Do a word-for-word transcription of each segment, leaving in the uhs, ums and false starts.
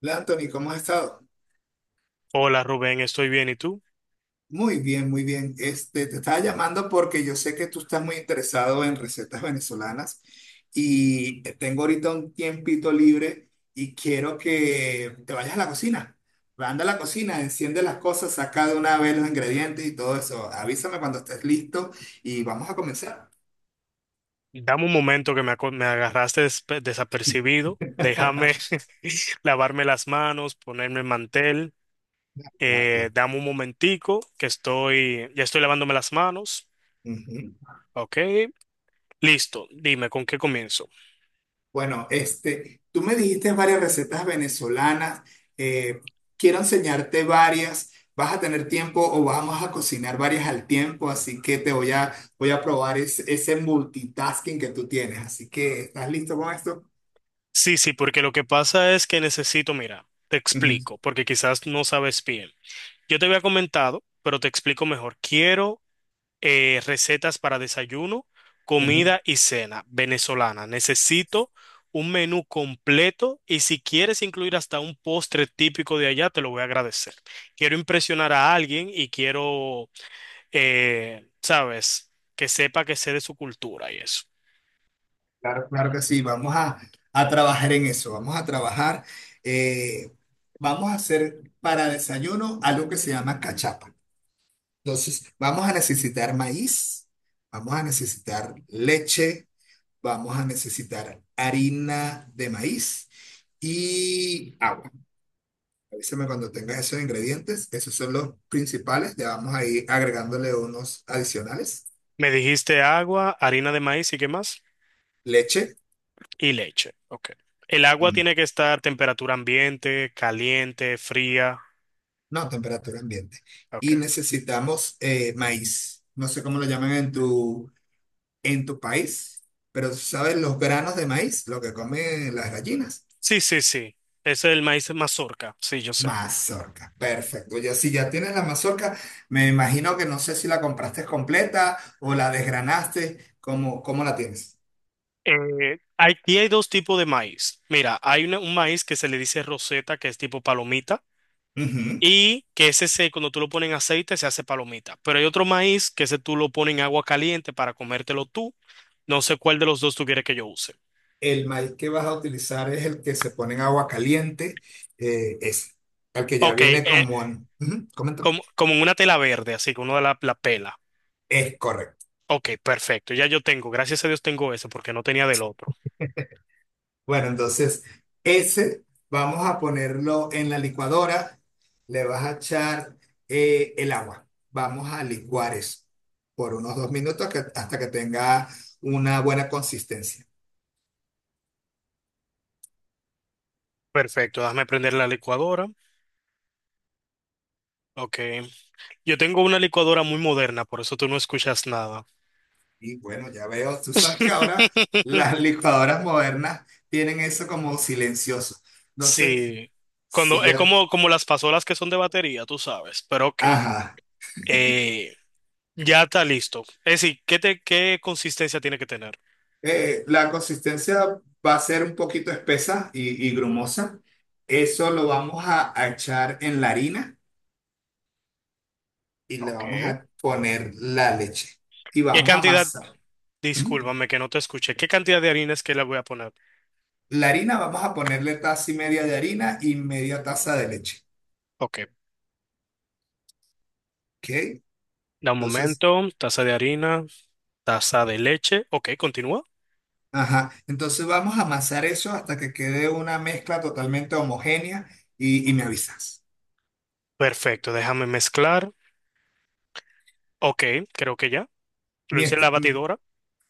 Hola Anthony, ¿cómo has estado? Hola Rubén, estoy bien. ¿Y tú? Muy bien, muy bien. Este, te estaba llamando porque yo sé que tú estás muy interesado en recetas venezolanas y tengo ahorita un tiempito libre y quiero que te vayas a la cocina. Anda a la cocina, enciende las cosas, saca de una vez los ingredientes y todo eso. Avísame cuando estés listo y vamos a comenzar. Dame un momento que me, aco- me agarraste despe- desapercibido. Déjame lavarme las manos, ponerme el mantel. Claro, Eh, claro. dame un momentico que estoy, ya estoy lavándome las manos. Ujú. Ok, listo. Dime, ¿con qué comienzo? Bueno, este, tú me dijiste varias recetas venezolanas. eh, Quiero enseñarte varias. Vas a tener tiempo o vamos a cocinar varias al tiempo, así que te voy a, voy a probar es- ese multitasking que tú tienes. Así que, ¿estás listo con esto? Sí, sí, porque lo que pasa es que necesito, mira, te Ujú, explico, porque quizás no sabes bien. Yo te había comentado, pero te explico mejor. Quiero eh, recetas para desayuno, ujú. comida y cena venezolana. Necesito un menú completo y si quieres incluir hasta un postre típico de allá, te lo voy a agradecer. Quiero impresionar a alguien y quiero, eh, sabes, que sepa que sé de su cultura y eso. Claro, claro que sí. Vamos a, a trabajar en eso. Vamos a trabajar. eh, Vamos a hacer para desayuno algo que se llama cachapa. Entonces, vamos a necesitar maíz. Vamos a necesitar leche. Vamos a necesitar harina de maíz y agua. Avísame cuando tengas esos ingredientes. Esos son los principales. Le vamos a ir agregándole unos adicionales. Me dijiste agua, harina de maíz ¿y qué más? Leche, Y leche. Ok. El agua mm, tiene que estar temperatura ambiente, caliente, fría. no, temperatura ambiente. Y Ok. necesitamos eh, maíz. No sé cómo lo llaman en tu, en tu país, pero ¿sabes los granos de maíz? Lo que comen las gallinas. Sí, sí, sí. Ese es el maíz mazorca. Sí, yo sé. Mazorca, perfecto. Ya si ya tienes la mazorca, me imagino que no sé si la compraste completa o la desgranaste. ¿Cómo, cómo la tienes? Eh, aquí hay dos tipos de maíz. Mira, hay una- un maíz que se le dice roseta, que es tipo palomita, Ujú. y que ese se, cuando tú lo pones en aceite se hace palomita. Pero hay otro maíz que ese tú lo pones en agua caliente para comértelo tú. No sé cuál de los dos tú quieres que yo use. El maíz que vas a utilizar es el que se pone en agua caliente, eh, ese, el que ya Ok, viene eh, como. en- Ujú, coméntame. como, como en una tela verde, así que uno la, la pela. Es correcto. Ok, perfecto. Ya yo tengo, gracias a Dios tengo ese porque no tenía del otro. Bueno, entonces ese vamos a ponerlo en la licuadora. Le vas a echar eh, el agua. Vamos a licuar eso por unos dos minutos que- hasta que tenga una buena consistencia. Perfecto, déjame prender la licuadora. Ok. Yo tengo una licuadora muy moderna, por eso tú no escuchas nada. Y bueno, ya veo, tú sabes que ahora las licuadoras modernas tienen eso como silencioso. Entonces, Sí. Cuando si es ya, como, como las pasolas que son de batería, tú sabes. Pero ok. ajá. Eh, ya está listo. Es decir, ¿qué te, qué consistencia tiene que tener? Eh, la consistencia va a ser un poquito espesa y, y grumosa. Eso lo vamos a a echar en la harina. Y le vamos Ok. a poner la leche y ¿Qué vamos a cantidad? amasar. Ujú. Discúlpame que no te escuché. ¿Qué cantidad de harina es que le voy a poner? La harina, vamos a ponerle taza y media de harina y media taza de leche. Ok, ¿Ok? da un Entonces, momento, taza de harina, taza de leche. Ok, continúa. ajá. Entonces vamos a amasar eso hasta que quede una mezcla totalmente homogénea y, y me avisas. Perfecto, déjame mezclar. Ok, creo que ya. Lo hice en la Miestra- batidora.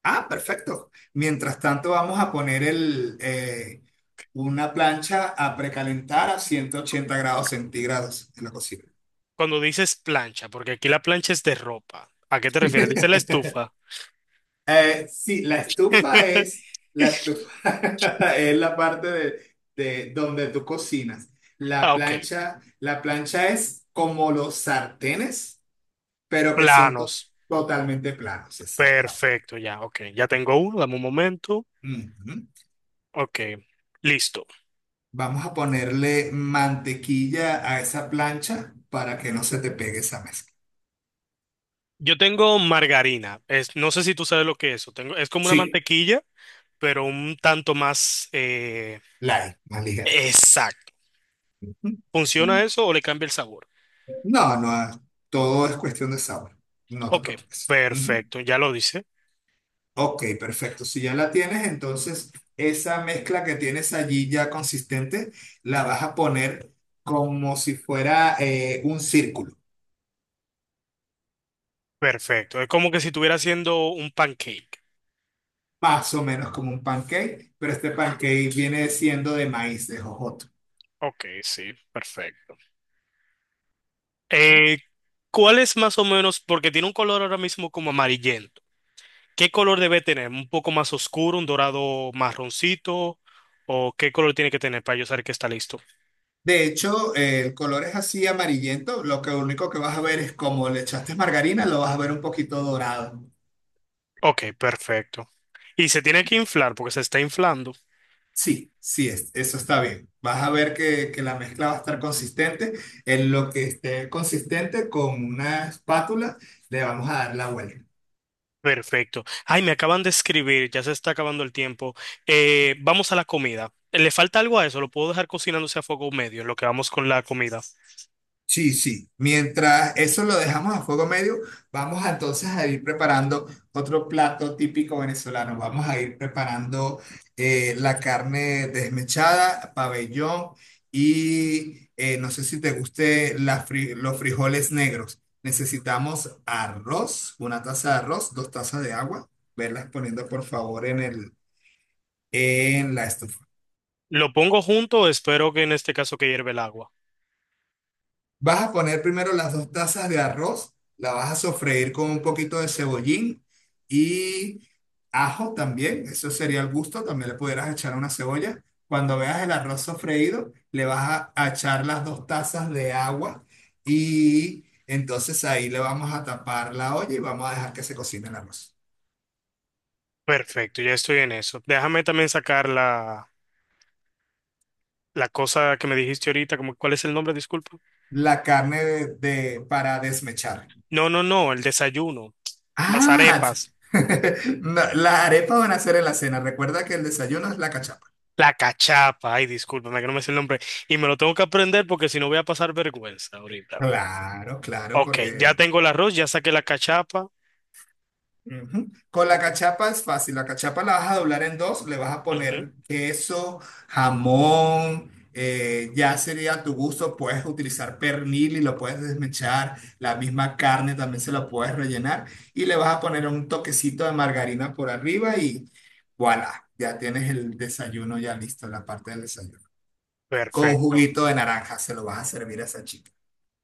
ah, Perfecto. Mientras tanto, vamos a poner el, eh, una plancha a precalentar a ciento ochenta grados centígrados en la cocina. Cuando dices plancha, porque aquí la plancha es de ropa. ¿A qué te refieres? Dice la estufa. Eh, sí, la estufa es la estufa es la parte de, de donde tú cocinas. La Ah, ok. plancha, la plancha es como los sartenes, pero que son to- Planos. totalmente planos, exacto. Perfecto, ya, ok. Ya tengo uno, dame un momento. Ujú. Ok, listo. Vamos a ponerle mantequilla a esa plancha para que no se te pegue esa mezcla. Yo tengo margarina. Es, no sé si tú sabes lo que es eso. Tengo, es como una Sí, mantequilla, pero un tanto más eh, light, más ligera. exacta. Ujú. ¿Funciona eso o le cambia el sabor? No, no, todo es cuestión de sabor. No te Ok, preocupes. Ujú. perfecto, ya lo dice. Ok, perfecto. Si ya la tienes, entonces esa mezcla que tienes allí ya consistente, la vas a poner como si fuera eh, un círculo, Perfecto. Es como que si estuviera haciendo un pancake. más o menos como un pancake, pero este pancake viene siendo de maíz, de jojoto. Ok, sí, perfecto. Eh, ¿cuál es más o menos? Porque tiene un color ahora mismo como amarillento. ¿Qué color debe tener? ¿Un poco más oscuro, un dorado marroncito? ¿O qué color tiene que tener para yo saber que está listo? De hecho, eh, el color es así amarillento, lo que único que vas a ver es como le echaste margarina, lo vas a ver un poquito dorado. Ok, perfecto. Y se tiene que inflar porque se está inflando. Sí, sí, es, eso está bien. Vas a ver que, que la mezcla va a estar consistente. En lo que esté consistente con una espátula, le vamos a dar la vuelta. Perfecto. Ay, me acaban de escribir, ya se está acabando el tiempo. Eh, vamos a la comida. ¿Le falta algo a eso? ¿Lo puedo dejar cocinándose a fuego medio en lo que vamos con la comida? Sí, sí. Mientras eso lo dejamos a fuego medio, vamos a, entonces a ir preparando otro plato típico venezolano. Vamos a ir preparando eh, la carne desmechada, pabellón y eh, no sé si te guste la fri- los frijoles negros. Necesitamos arroz, una taza de arroz, dos tazas de agua. Verlas poniendo por favor en el, en la estufa. ¿Lo pongo junto? Espero que en este caso que hierve el agua. Vas a poner primero las dos tazas de arroz, la vas a sofreír con un poquito de cebollín y ajo también, eso sería el gusto, también le pudieras echar una cebolla. Cuando veas el arroz sofreído, le vas a, a echar las dos tazas de agua y entonces ahí le vamos a tapar la olla y vamos a dejar que se cocine el arroz. Perfecto, ya estoy en eso. Déjame también sacar la, la cosa que me dijiste ahorita, como, ¿cuál es el nombre? Disculpa. La carne de, de- para desmechar. No, no, no, el desayuno, las Ah, arepas, no, las arepas van a ser en la cena. Recuerda que el desayuno es la cachapa. la cachapa. Ay, discúlpame que no me sé el nombre. Y me lo tengo que aprender porque si no voy a pasar vergüenza ahorita. Claro, claro, Ok, ya porque tengo el arroz, ya saqué la cachapa. ujú. Con la Ok, cachapa es fácil. La cachapa la vas a doblar en dos, le vas a ujú, poner queso, jamón, eh, ya sería a tu gusto. Puedes utilizar pernil y lo puedes desmechar. La misma carne también se la puedes rellenar y le vas a poner un toquecito de margarina por arriba y voilà, ya tienes el desayuno ya listo, la parte del desayuno. Con un perfecto, juguito de naranja se lo vas a servir a esa chica.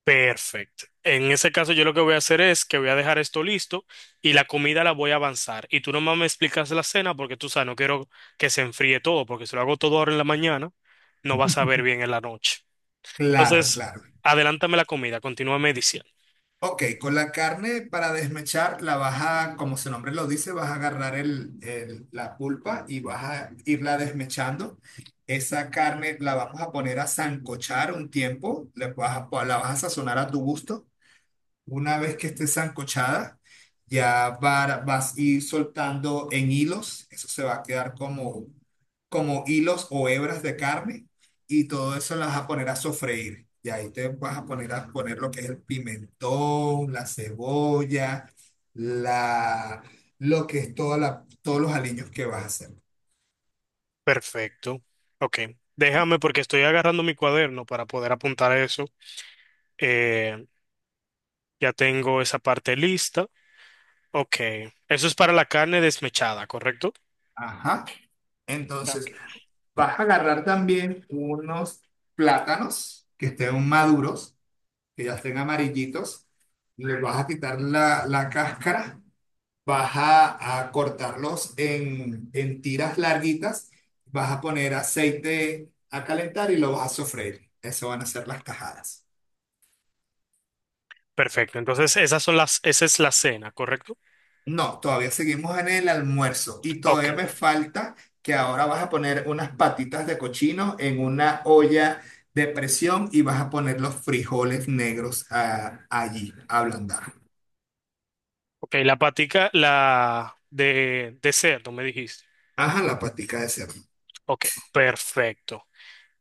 perfecto. En ese caso, yo lo que voy a hacer es que voy a dejar esto listo y la comida la voy a avanzar. Y tú nomás me explicas la cena porque tú sabes, no quiero que se enfríe todo, porque si lo hago todo ahora en la mañana, no vas a ver bien en la noche. Claro, Entonces, claro. adelántame la comida, continúame diciendo. Ok, con la carne para desmechar la vas a, como su nombre lo dice, vas a agarrar el, el- la pulpa y vas a irla desmechando. Esa carne la vamos a poner a sancochar un tiempo, le vas a- la vas a sazonar a tu gusto. Una vez que esté sancochada, ya va- vas a ir soltando en hilos. Eso se va a quedar como, como hilos o hebras de carne. Y todo eso las vas a poner a sofreír. Y ahí te vas a poner a poner lo que es el pimentón, la cebolla, la, lo que es toda la, todos los aliños que vas a hacer. Perfecto. Ok, déjame porque estoy agarrando mi cuaderno para poder apuntar eso. Eh, ya tengo esa parte lista. Ok, eso es para la carne desmechada, ¿correcto? Ajá. Ok. Entonces, vas a agarrar también unos plátanos que estén maduros que ya estén amarillitos, les vas a quitar la, la cáscara, vas a, a cortarlos en, en tiras larguitas, vas a poner aceite a calentar y lo vas a sofreír. Eso van a ser las tajadas. Perfecto, entonces esas son las, esa es la cena, ¿correcto? No, todavía seguimos en el almuerzo y Ok, todavía me falta que ahora vas a poner unas patitas de cochino en una olla de presión y vas a poner los frijoles negros ah, allí a ablandar. ok, la patica, la de, de cerdo, me dijiste. Ajá, la patica de cerdo. Ok, perfecto.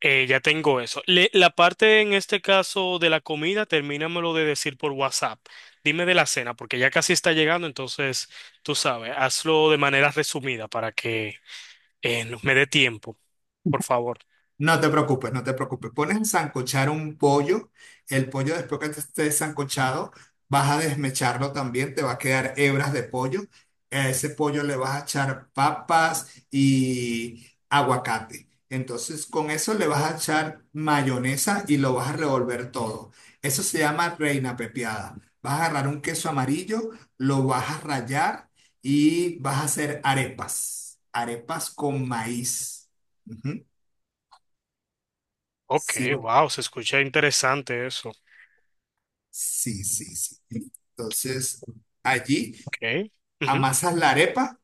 Eh, ya tengo eso. Le- la parte en este caso de la comida, termínamelo de decir por WhatsApp. Dime de la cena, porque ya casi está llegando, entonces tú sabes, hazlo de manera resumida para que eh, no- me dé tiempo, por favor. No te preocupes, no te preocupes. Pones a sancochar un pollo. El pollo después que esté sancochado, vas a desmecharlo también. Te va a quedar hebras de pollo. A ese pollo le vas a echar papas y aguacate. Entonces, con eso le vas a echar mayonesa y lo vas a revolver todo. Eso se llama reina pepiada. Vas a agarrar un queso amarillo, lo vas a rallar y vas a hacer arepas. Arepas con maíz. Ujú. Ok, Sí, wow, se escucha interesante eso. sí, sí, sí. Entonces, allí Ok. amasas la arepa,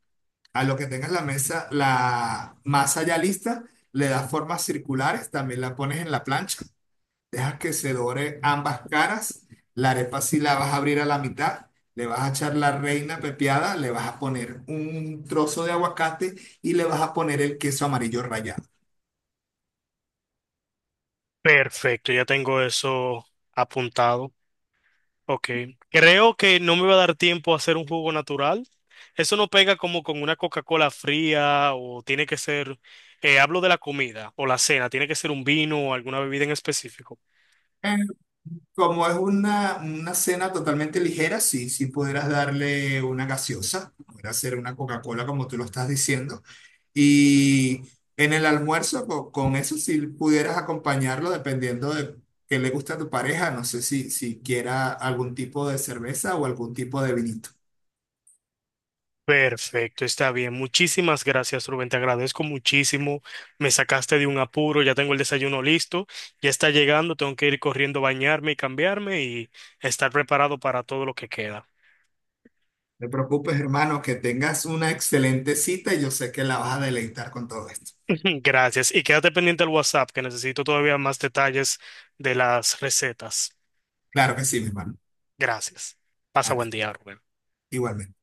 a lo que tengas la mesa, la masa ya lista, le das formas circulares, también la pones en la plancha, dejas que se dore ambas caras, la arepa sí la vas a abrir a la mitad, le vas a echar la reina pepiada, le vas a poner un trozo de aguacate y le vas a poner el queso amarillo rallado. Perfecto, ya tengo eso apuntado. Ok. Creo que no me va a dar tiempo a hacer un jugo natural. Eso no pega como con una Coca-Cola fría o tiene que ser, eh, hablo de la comida o la cena, tiene que ser un vino o alguna bebida en específico. Como es una, una cena totalmente ligera, sí, sí pudieras darle una gaseosa, pudieras hacer una Coca-Cola como tú lo estás diciendo. Y en el almuerzo, co- con, eso sí pudieras acompañarlo dependiendo de qué le gusta a tu pareja. No sé si, si quiera algún tipo de cerveza o algún tipo de vinito. Perfecto, está bien. Muchísimas gracias, Rubén. Te agradezco muchísimo. Me sacaste de un apuro, ya tengo el desayuno listo, ya está llegando, tengo que ir corriendo a bañarme y cambiarme y estar preparado para todo lo que queda. No te preocupes, hermano, que tengas una excelente cita y yo sé que la vas a deleitar con todo esto. Gracias. Y quédate pendiente al WhatsApp, que necesito todavía más detalles de las recetas. Claro que sí, mi hermano. Gracias. A Pasa ti, buen día, Rubén. igualmente.